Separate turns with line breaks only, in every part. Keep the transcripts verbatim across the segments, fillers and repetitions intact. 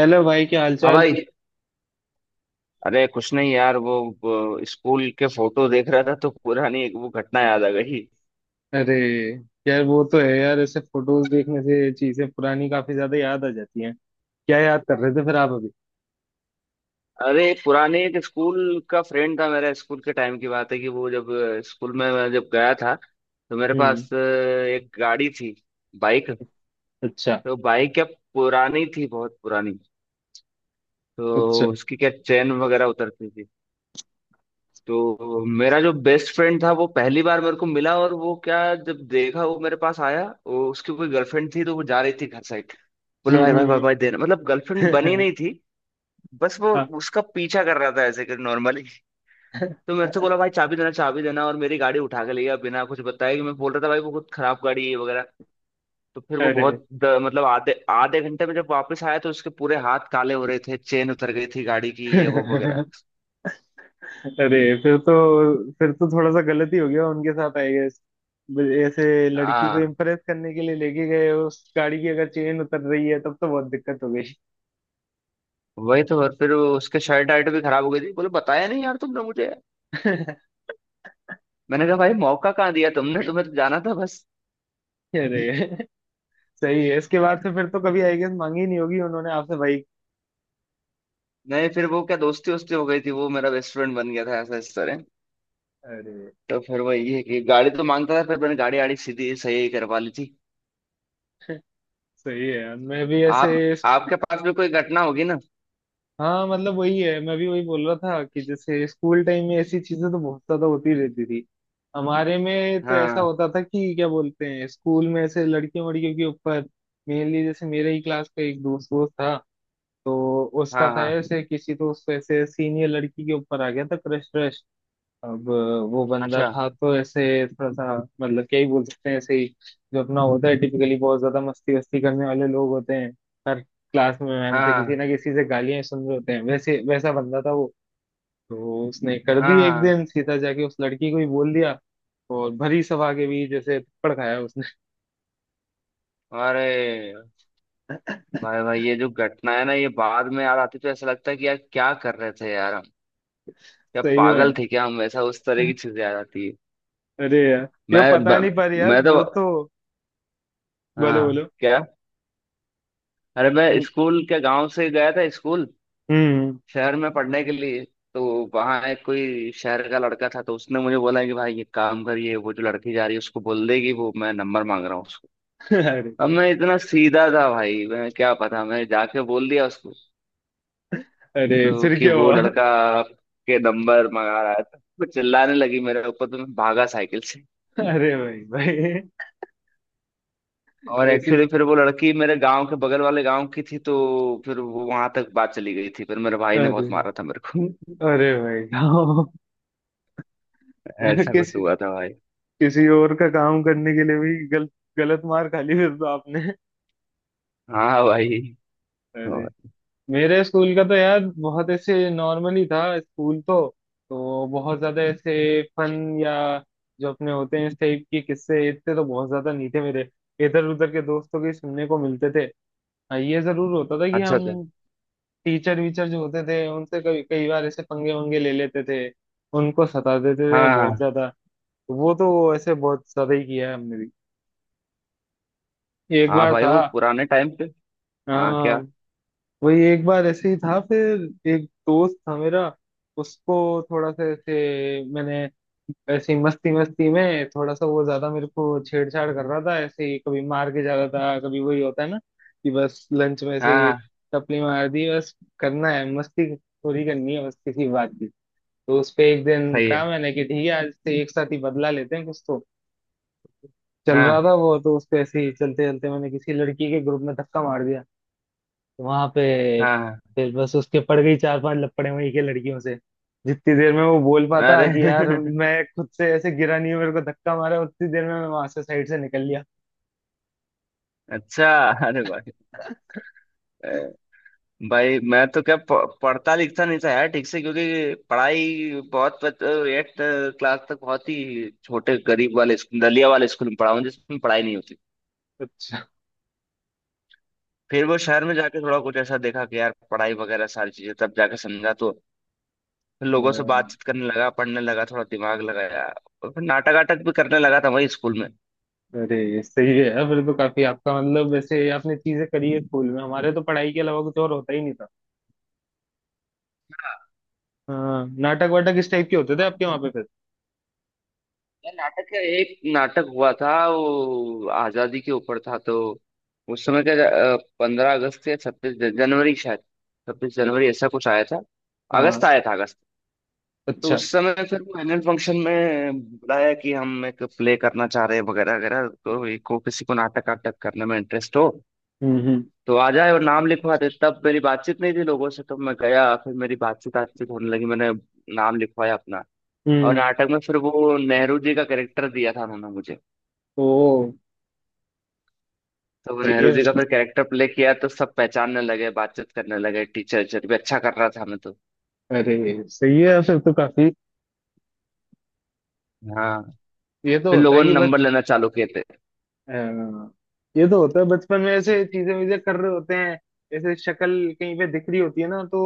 Hello भाई, क्या
हाँ
हालचाल।
भाई। अरे कुछ नहीं यार वो, वो स्कूल के फोटो देख रहा था तो पुरानी एक वो घटना याद आ गई।
अरे यार, वो तो है यार, ऐसे फोटोज देखने से चीजें पुरानी काफी ज्यादा याद आ जाती हैं। क्या याद कर रहे थे फिर आप अभी?
अरे पुराने एक स्कूल का फ्रेंड था मेरा स्कूल के टाइम की बात है कि वो जब अ, स्कूल में मैं जब गया था तो मेरे
हम्म।
पास अ, एक गाड़ी थी। बाइक।
अच्छा
तो बाइक क्या पुरानी थी बहुत पुरानी।
अच्छा।
तो उसकी क्या चेन वगैरह उतरती थी। तो मेरा जो बेस्ट फ्रेंड था वो पहली बार मेरे को मिला और वो क्या जब देखा वो मेरे पास आया वो उसकी कोई गर्लफ्रेंड थी तो वो जा रही थी घर साइड। बोले
हम्म
भाई भाई भाई
हम्म
भाई देना मतलब गर्लफ्रेंड बनी
हम्म।
नहीं थी। बस वो
हाँ।
उसका पीछा कर रहा था ऐसे कर नॉर्मली। तो मेरे से बोला भाई चाबी देना चाबी देना और मेरी गाड़ी उठा के ले गया बिना कुछ बताए कि मैं बोल रहा था भाई वो बहुत खराब गाड़ी है वगैरह। तो फिर वो
अरे।
बहुत द- मतलब आधे आधे घंटे में जब वापस आया तो उसके पूरे हाथ काले हो रहे थे चेन उतर गई थी गाड़ी की ये वो वगैरह।
अरे, फिर तो फिर तो थोड़ा सा गलत ही हो गया उनके साथ आई गेस। ऐसे लड़की को
हाँ
इम्प्रेस करने के लिए लेके गए, उस गाड़ी की अगर चेन उतर रही है तब तो बहुत दिक्कत हो गई।
वही तो। और फिर वो उसके शर्ट आर्ट भी खराब हो गई थी बोले बताया नहीं यार तुमने मुझे। मैंने कहा भाई मौका कहाँ दिया तुमने तुम्हें तो जाना था बस।
अरे सही है, इसके बाद से फिर तो कभी आई गेस मांगी नहीं होगी उन्होंने आपसे बाइक।
नहीं फिर वो क्या दोस्ती वोस्ती हो गई थी वो मेरा बेस्ट फ्रेंड बन गया था ऐसा इस तरह।
अरे
तो फिर वही है कि गाड़ी तो मांगता था फिर मैंने गाड़ी आड़ी सीधी सही करवा ली थी।
सही है यार, मैं भी ऐसे।
आप आपके पास भी कोई घटना होगी ना।
हाँ मतलब वही है, मैं भी वही बोल रहा था कि जैसे स्कूल टाइम में ऐसी चीजें तो बहुत ज्यादा होती रहती थी। हमारे में तो ऐसा
हाँ
होता था कि क्या बोलते हैं, स्कूल में ऐसे लड़कियों वड़कियों के ऊपर, मेनली। जैसे मेरे ही क्लास का एक दोस्त दोस्त था, तो उसका
हाँ
था
हाँ।
ऐसे किसी, तो उससे ऐसे सीनियर लड़की के ऊपर आ गया था क्रश। अब वो बंदा
अच्छा।
था तो ऐसे थोड़ा सा मतलब क्या ही बोल सकते हैं, ऐसे ही जो अपना होता है टिपिकली, बहुत ज्यादा मस्ती वस्ती करने वाले लोग होते हैं, हर क्लास में मैम से
हाँ
किसी ना किसी से गालियां सुन रहे होते हैं, वैसे वैसा बंदा था वो। तो उसने कर दी
हाँ
एक
हाँ।
दिन, सीधा जाके उस लड़की को ही बोल दिया, और भरी सभा के बीच जैसे थप्पड़ खाया उसने।
अरे भाई भाई ये जो घटना है ना ये बाद में याद आती तो ऐसा लगता है कि यार क्या कर रहे थे यार हम। क्या
सही
पागल
में।
थे क्या हम ऐसा उस तरह की चीजें आ जाती है।
अरे यार ये
मैं
पता नहीं,
ब,
पर यार
मैं तो।
वो तो, बोलो
हाँ
बोलो।
क्या। अरे मैं स्कूल के गांव से गया था स्कूल
हम्म।
शहर में पढ़ने के लिए। तो वहाँ एक कोई शहर का लड़का था तो उसने मुझे बोला कि भाई ये काम करिए वो जो लड़की जा रही है उसको बोल देगी वो मैं नंबर मांग रहा हूँ उसको।
अरे।
अब मैं इतना सीधा था भाई मैं क्या पता मैं जाके बोल दिया उसको।
अरे
तो
फिर
कि
क्या
वो
हुआ?
लड़का के नंबर मंगा रहा है तो वो चिल्लाने लगी मेरे ऊपर तो मैं भागा साइकिल से।
अरे भाई भाई।
और
ऐसी।
एक्चुअली फिर वो लड़की मेरे गांव के बगल वाले गांव की थी तो फिर वो वहां तक बात चली गई थी फिर मेरे भाई ने
अरे
बहुत मारा था मेरे को।
अरे भाई, साहब। अरे
ऐसा कुछ
किसी,
हुआ था भाई।
किसी और का काम करने के लिए भी गल, गलत मार खा ली फिर तो आपने।
हाँ भाई।
अरे।
और
मेरे स्कूल का तो यार बहुत ऐसे नॉर्मल ही था स्कूल तो तो बहुत ज्यादा ऐसे फन या जो अपने होते हैं इस टाइप के किस्से इतने तो बहुत ज्यादा नहीं थे मेरे, इधर उधर के दोस्तों के सुनने को मिलते थे। हाँ, ये जरूर होता था कि
अच्छा अच्छा।
हम टीचर वीचर जो होते थे उनसे कई कई बार ऐसे पंगे वंगे ले लेते थे, उनको सता देते थे
हाँ
बहुत
हाँ।
ज्यादा। वो तो ऐसे बहुत ज्यादा ही किया है हमने भी। एक
हाँ
बार
भाई
था,
वो पुराने टाइम पे। हाँ
आ,
क्या।
वही एक बार ऐसे ही था, फिर एक दोस्त था मेरा, उसको थोड़ा सा ऐसे मैंने, ऐसी मस्ती मस्ती में थोड़ा सा वो ज्यादा मेरे को छेड़छाड़ कर रहा था, ऐसे ही कभी मार के जा रहा था कभी, वही होता है ना कि बस लंच में ऐसे
हाँ
ही
हाँ,
टपली मार दी, बस करना है मस्ती थोड़ी करनी है बस किसी बात की। तो उस पे एक दिन
सही है।
कहा मैंने कि ठीक है, आज से एक साथ ही बदला लेते हैं कुछ तो। चल
हाँ
रहा था वो तो, उसको ऐसे ही चलते चलते मैंने किसी लड़की के ग्रुप में धक्का मार दिया वहां पे।
हाँ हाँ।
फिर बस उसके पड़ गई चार पांच लपड़े वहीं के लड़कियों से, जितनी देर में वो बोल पाता
अरे
कि यार मैं खुद से ऐसे गिरा नहीं हूँ मेरे को धक्का मारा, उतनी देर में मैं वहां से साइड से निकल लिया।
अच्छा। अरे भाई। अ, भाई मैं तो क्या प- पढ़ता लिखता नहीं था यार ठीक से क्योंकि पढ़ाई बहुत एट क्लास तक बहुत ही छोटे गरीब वाले स्कूल दलिया वाले स्कूल में पढ़ा हूँ जिसमें पढ़ाई नहीं होती।
अच्छा।
फिर वो शहर में जाके थोड़ा कुछ ऐसा देखा कि यार पढ़ाई वगैरह सारी चीजें तब जाके समझा तो फिर लोगों से
हाँ।
बातचीत करने लगा पढ़ने लगा थोड़ा दिमाग लगाया। और फिर नाटक वाटक भी करने लगा था वही स्कूल
अरे सही है यार, फिर तो काफी आपका मतलब वैसे आपने चीजें करी है स्कूल में, हमारे तो पढ़ाई के अलावा कुछ और होता ही नहीं था।
में।
हाँ, नाटक वाटक किस टाइप के होते थे आपके वहां पे फिर?
यार नाटक है एक नाटक हुआ था वो आजादी के ऊपर था तो उस समय का पंद्रह अगस्त या छब्बीस जनवरी शायद छब्बीस जनवरी ऐसा कुछ आया था।
हाँ।
अगस्त आया था अगस्त। तो
अच्छा।
उस समय फिर वो एनुअल फंक्शन में बुलाया कि हम एक प्ले करना चाह रहे हैं वगैरह वगैरह तो ये को किसी को नाटक वाटक करने में इंटरेस्ट हो
हम्म। हम्म।
तो आ जाए और नाम लिखवा दे तब मेरी बातचीत नहीं थी लोगों से तो मैं गया फिर मेरी बातचीत बातचीत होने लगी मैंने नाम लिखवाया अपना। और
हम्म।
नाटक में फिर वो नेहरू जी का कैरेक्टर दिया था उन्होंने मुझे।
ओ।
तो वो
सही
नेहरू
है।
जी का फिर कैरेक्टर प्ले किया तो सब पहचानने लगे बातचीत करने लगे टीचर टीचर भी अच्छा कर रहा था मैं तो।
अरे सही है, फिर तो काफी
हाँ
ये तो
फिर
होता है
लोगों ने
कि
नंबर
बच,
लेना चालू किए थे।
अ, ये तो होता है, बचपन में ऐसे चीजें वीजें कर रहे होते हैं, ऐसे शक्ल कहीं पे दिख रही होती है ना, तो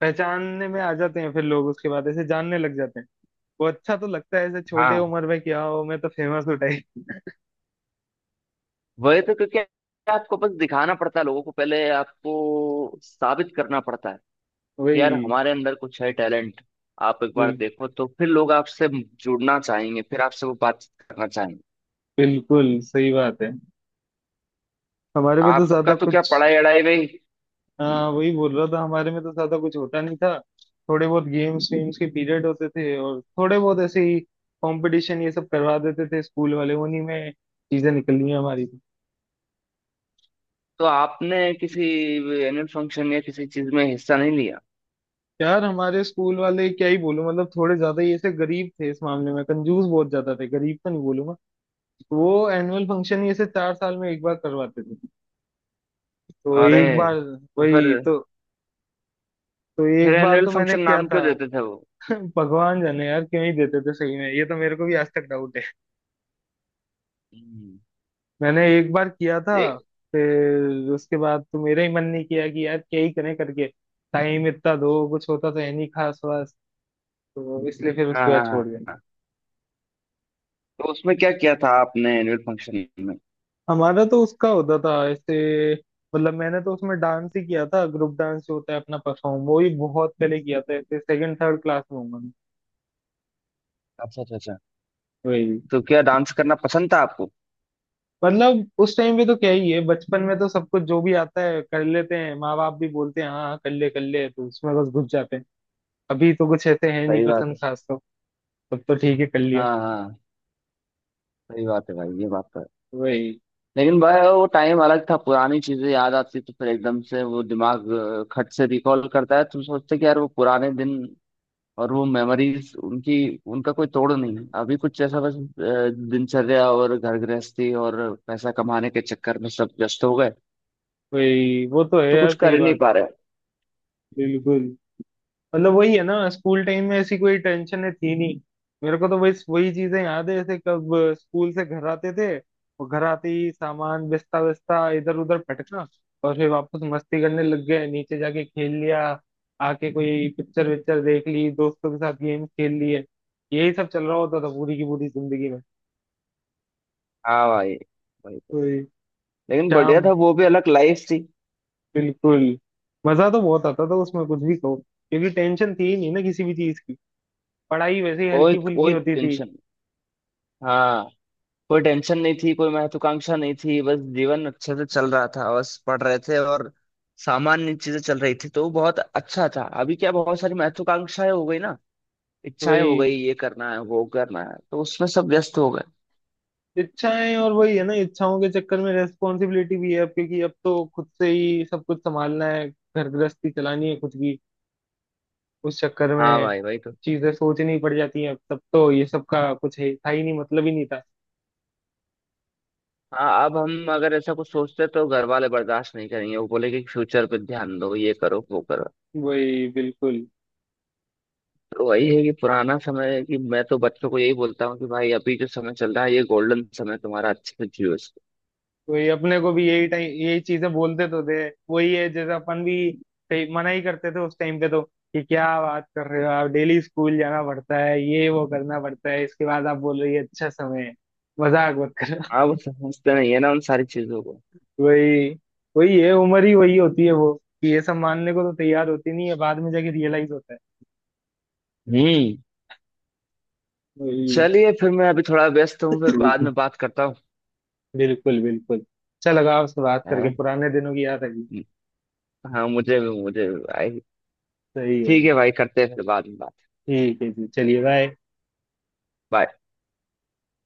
पहचानने में आ जाते हैं फिर लोग, उसके बाद ऐसे जानने लग जाते हैं। वो अच्छा तो लगता है ऐसे छोटे
हाँ
उम्र में क्या हो, मैं तो फेमस हो टाइप।
वही तो क्योंकि आपको बस दिखाना पड़ता है लोगों को पहले आपको साबित करना पड़ता है कि यार
वही।
हमारे अंदर कुछ है टैलेंट। आप एक बार
बिल,
देखो तो फिर लोग आपसे जुड़ना चाहेंगे फिर आपसे वो बातचीत करना चाहेंगे।
बिल्कुल सही बात है। हमारे में तो
आपका
ज्यादा
तो क्या
कुछ,
पढ़ाई अड़ाई में ही।
हाँ वही बोल रहा था, हमारे में तो ज्यादा कुछ होता नहीं था। थोड़े बहुत गेम्स वेम्स के पीरियड होते थे और थोड़े बहुत ऐसे ही कंपटीशन ये सब करवा देते थे स्कूल वाले, उन्हीं में चीजें निकली हैं हमारी तो।
तो आपने किसी एनुअल फंक्शन या किसी चीज में हिस्सा नहीं लिया।
यार हमारे स्कूल वाले क्या ही बोलूं, मतलब थोड़े ज्यादा ही ऐसे गरीब थे इस मामले में, कंजूस बहुत ज्यादा थे, गरीब तो नहीं बोलूंगा। वो एनुअल फंक्शन ही ऐसे चार साल में एक बार करवाते थे, तो
अरे।
एक बार।
तो फिर।
वही तो। तो
फिर
एक बार
एनुअल
तो मैंने
फंक्शन
किया
नाम
था।
क्यों देते थे वो।
भगवान जाने यार क्यों ही देते थे सही में, ये तो मेरे को भी आज तक डाउट।
हम्म,
मैंने एक बार किया था,
ए,
फिर उसके बाद तो मेरा ही मन नहीं किया कि यार क्या ही करें, करके टाइम इतना दो, कुछ होता तो है नहीं खास वास, तो इसलिए फिर
हाँ
उसके बाद
हाँ
छोड़
हाँ
दिया।
हाँ। तो उसमें क्या किया था आपने एनुअल फंक्शन में।
हमारा तो उसका होता था ऐसे, मतलब मैंने तो उसमें डांस ही किया था, ग्रुप डांस जो होता है अपना परफॉर्म, वो ही बहुत पहले किया था ऐसे सेकंड थर्ड क्लास में हूँ मैं।
अच्छा अच्छा अच्छा।
वही।
तो क्या डांस करना पसंद था आपको।
मतलब उस टाइम पे तो क्या ही है, बचपन में तो सब कुछ जो भी आता है कर लेते हैं, माँ बाप भी बोलते हैं हाँ हाँ, कर ले कर ले, तो उसमें बस घुस जाते हैं। अभी तो कुछ ऐसे है नहीं
सही बात
पसंद
है।
खास तो। तब तो ठीक है, कर लिया।
हाँ हाँ। सही बात है भाई ये बात तो है।
वही।
लेकिन भाई वो टाइम अलग था पुरानी चीजें याद आती तो फिर एकदम से वो दिमाग अ, खट से रिकॉल करता है तुम सोचते कि यार वो पुराने दिन। और वो मेमोरीज उनकी। उनका कोई तोड़ नहीं अभी कुछ ऐसा बस अ, दिनचर्या और घर गृहस्थी और पैसा कमाने के चक्कर में सब व्यस्त हो गए।
वही वो तो है
तो
यार,
कुछ कर
सही
ही नहीं
बात।
पा रहे।
बिल्कुल। मतलब वही है ना, स्कूल टाइम में ऐसी कोई टेंशन थी नहीं। मेरे को तो वही वही चीजें याद है, जैसे कब स्कूल से घर आते थे और घर आते ही सामान बिस्ता बिस्ता इधर उधर पटकना, और फिर वापस मस्ती करने लग गए, नीचे जाके खेल लिया, आके कोई पिक्चर विक्चर देख ली, दोस्तों के साथ गेम खेल लिए। यही सब चल रहा होता था पूरी की पूरी जिंदगी में।
हाँ भाई वही तो।
वही।
लेकिन बढ़िया था
शाम।
वो भी अलग लाइफ थी।
बिल्कुल। मजा तो बहुत आता था उसमें, कुछ भी कहो, क्योंकि टेंशन थी ही नहीं ना किसी भी चीज की, पढ़ाई वैसे ही
कोई
हल्की फुल्की
कोई
होती थी।
टेंशन। हाँ कोई टेंशन नहीं थी कोई महत्वाकांक्षा नहीं थी बस जीवन अच्छे से चल रहा था बस पढ़ रहे थे और सामान्य चीजें चल रही थी तो वो बहुत अच्छा था अभी क्या बहुत सारी महत्वाकांक्षाएं हो गई ना इच्छाएं हो
वही।
गई ये करना है वो करना है तो उसमें सब व्यस्त हो गए।
इच्छाएं, और वही है ना, इच्छाओं के चक्कर में रेस्पॉन्सिबिलिटी भी है अब, क्योंकि अब तो खुद से ही सब कुछ संभालना है, घर गृहस्थी चलानी है खुद की, उस चक्कर
हाँ
में
भाई वही तो।
चीजें सोचनी पड़ जाती हैं अब। तब तो ये सब का कुछ है था ही नहीं, मतलब ही नहीं था।
हाँ अब हम अगर ऐसा कुछ सोचते तो घर वाले बर्दाश्त नहीं करेंगे वो बोले कि फ्यूचर पे ध्यान दो ये करो वो करो।
वही। बिल्कुल।
वही है कि पुराना समय है कि मैं तो बच्चों को यही बोलता हूँ कि भाई अभी जो समय चल रहा है ये गोल्डन समय तुम्हारा अच्छे से जियो इसको।
वही अपने को भी यही टाइम यही चीजें बोलते तो थे। वही है, जैसे अपन भी कई- मना ही करते थे उस टाइम पे तो, कि क्या बात कर रहे हो आप, डेली स्कूल जाना पड़ता है, ये वो करना पड़ता है, इसके बाद आप बोल रही है अच्छा समय है, मजाक मत करो।
आप समझते नहीं है ना उन सारी चीजों को।
वही। वही है, उम्र ही वही होती है वो, कि ये सब मानने को तो तैयार होती नहीं है, बाद में जाके रियलाइज होता है।
हम्म।
वही।
चलिए फिर मैं अभी थोड़ा व्यस्त हूँ फिर बाद में बात करता हूँ।
बिल्कुल बिल्कुल, अच्छा लगा आपसे बात
है?
करके,
ना?
पुराने दिनों की याद आई।
हाँ मुझे मुझे भाई।
सही है।
ठीक है भाई करते हैं फिर बाद में बात।
ठीक है जी, चलिए बाय।
Bye.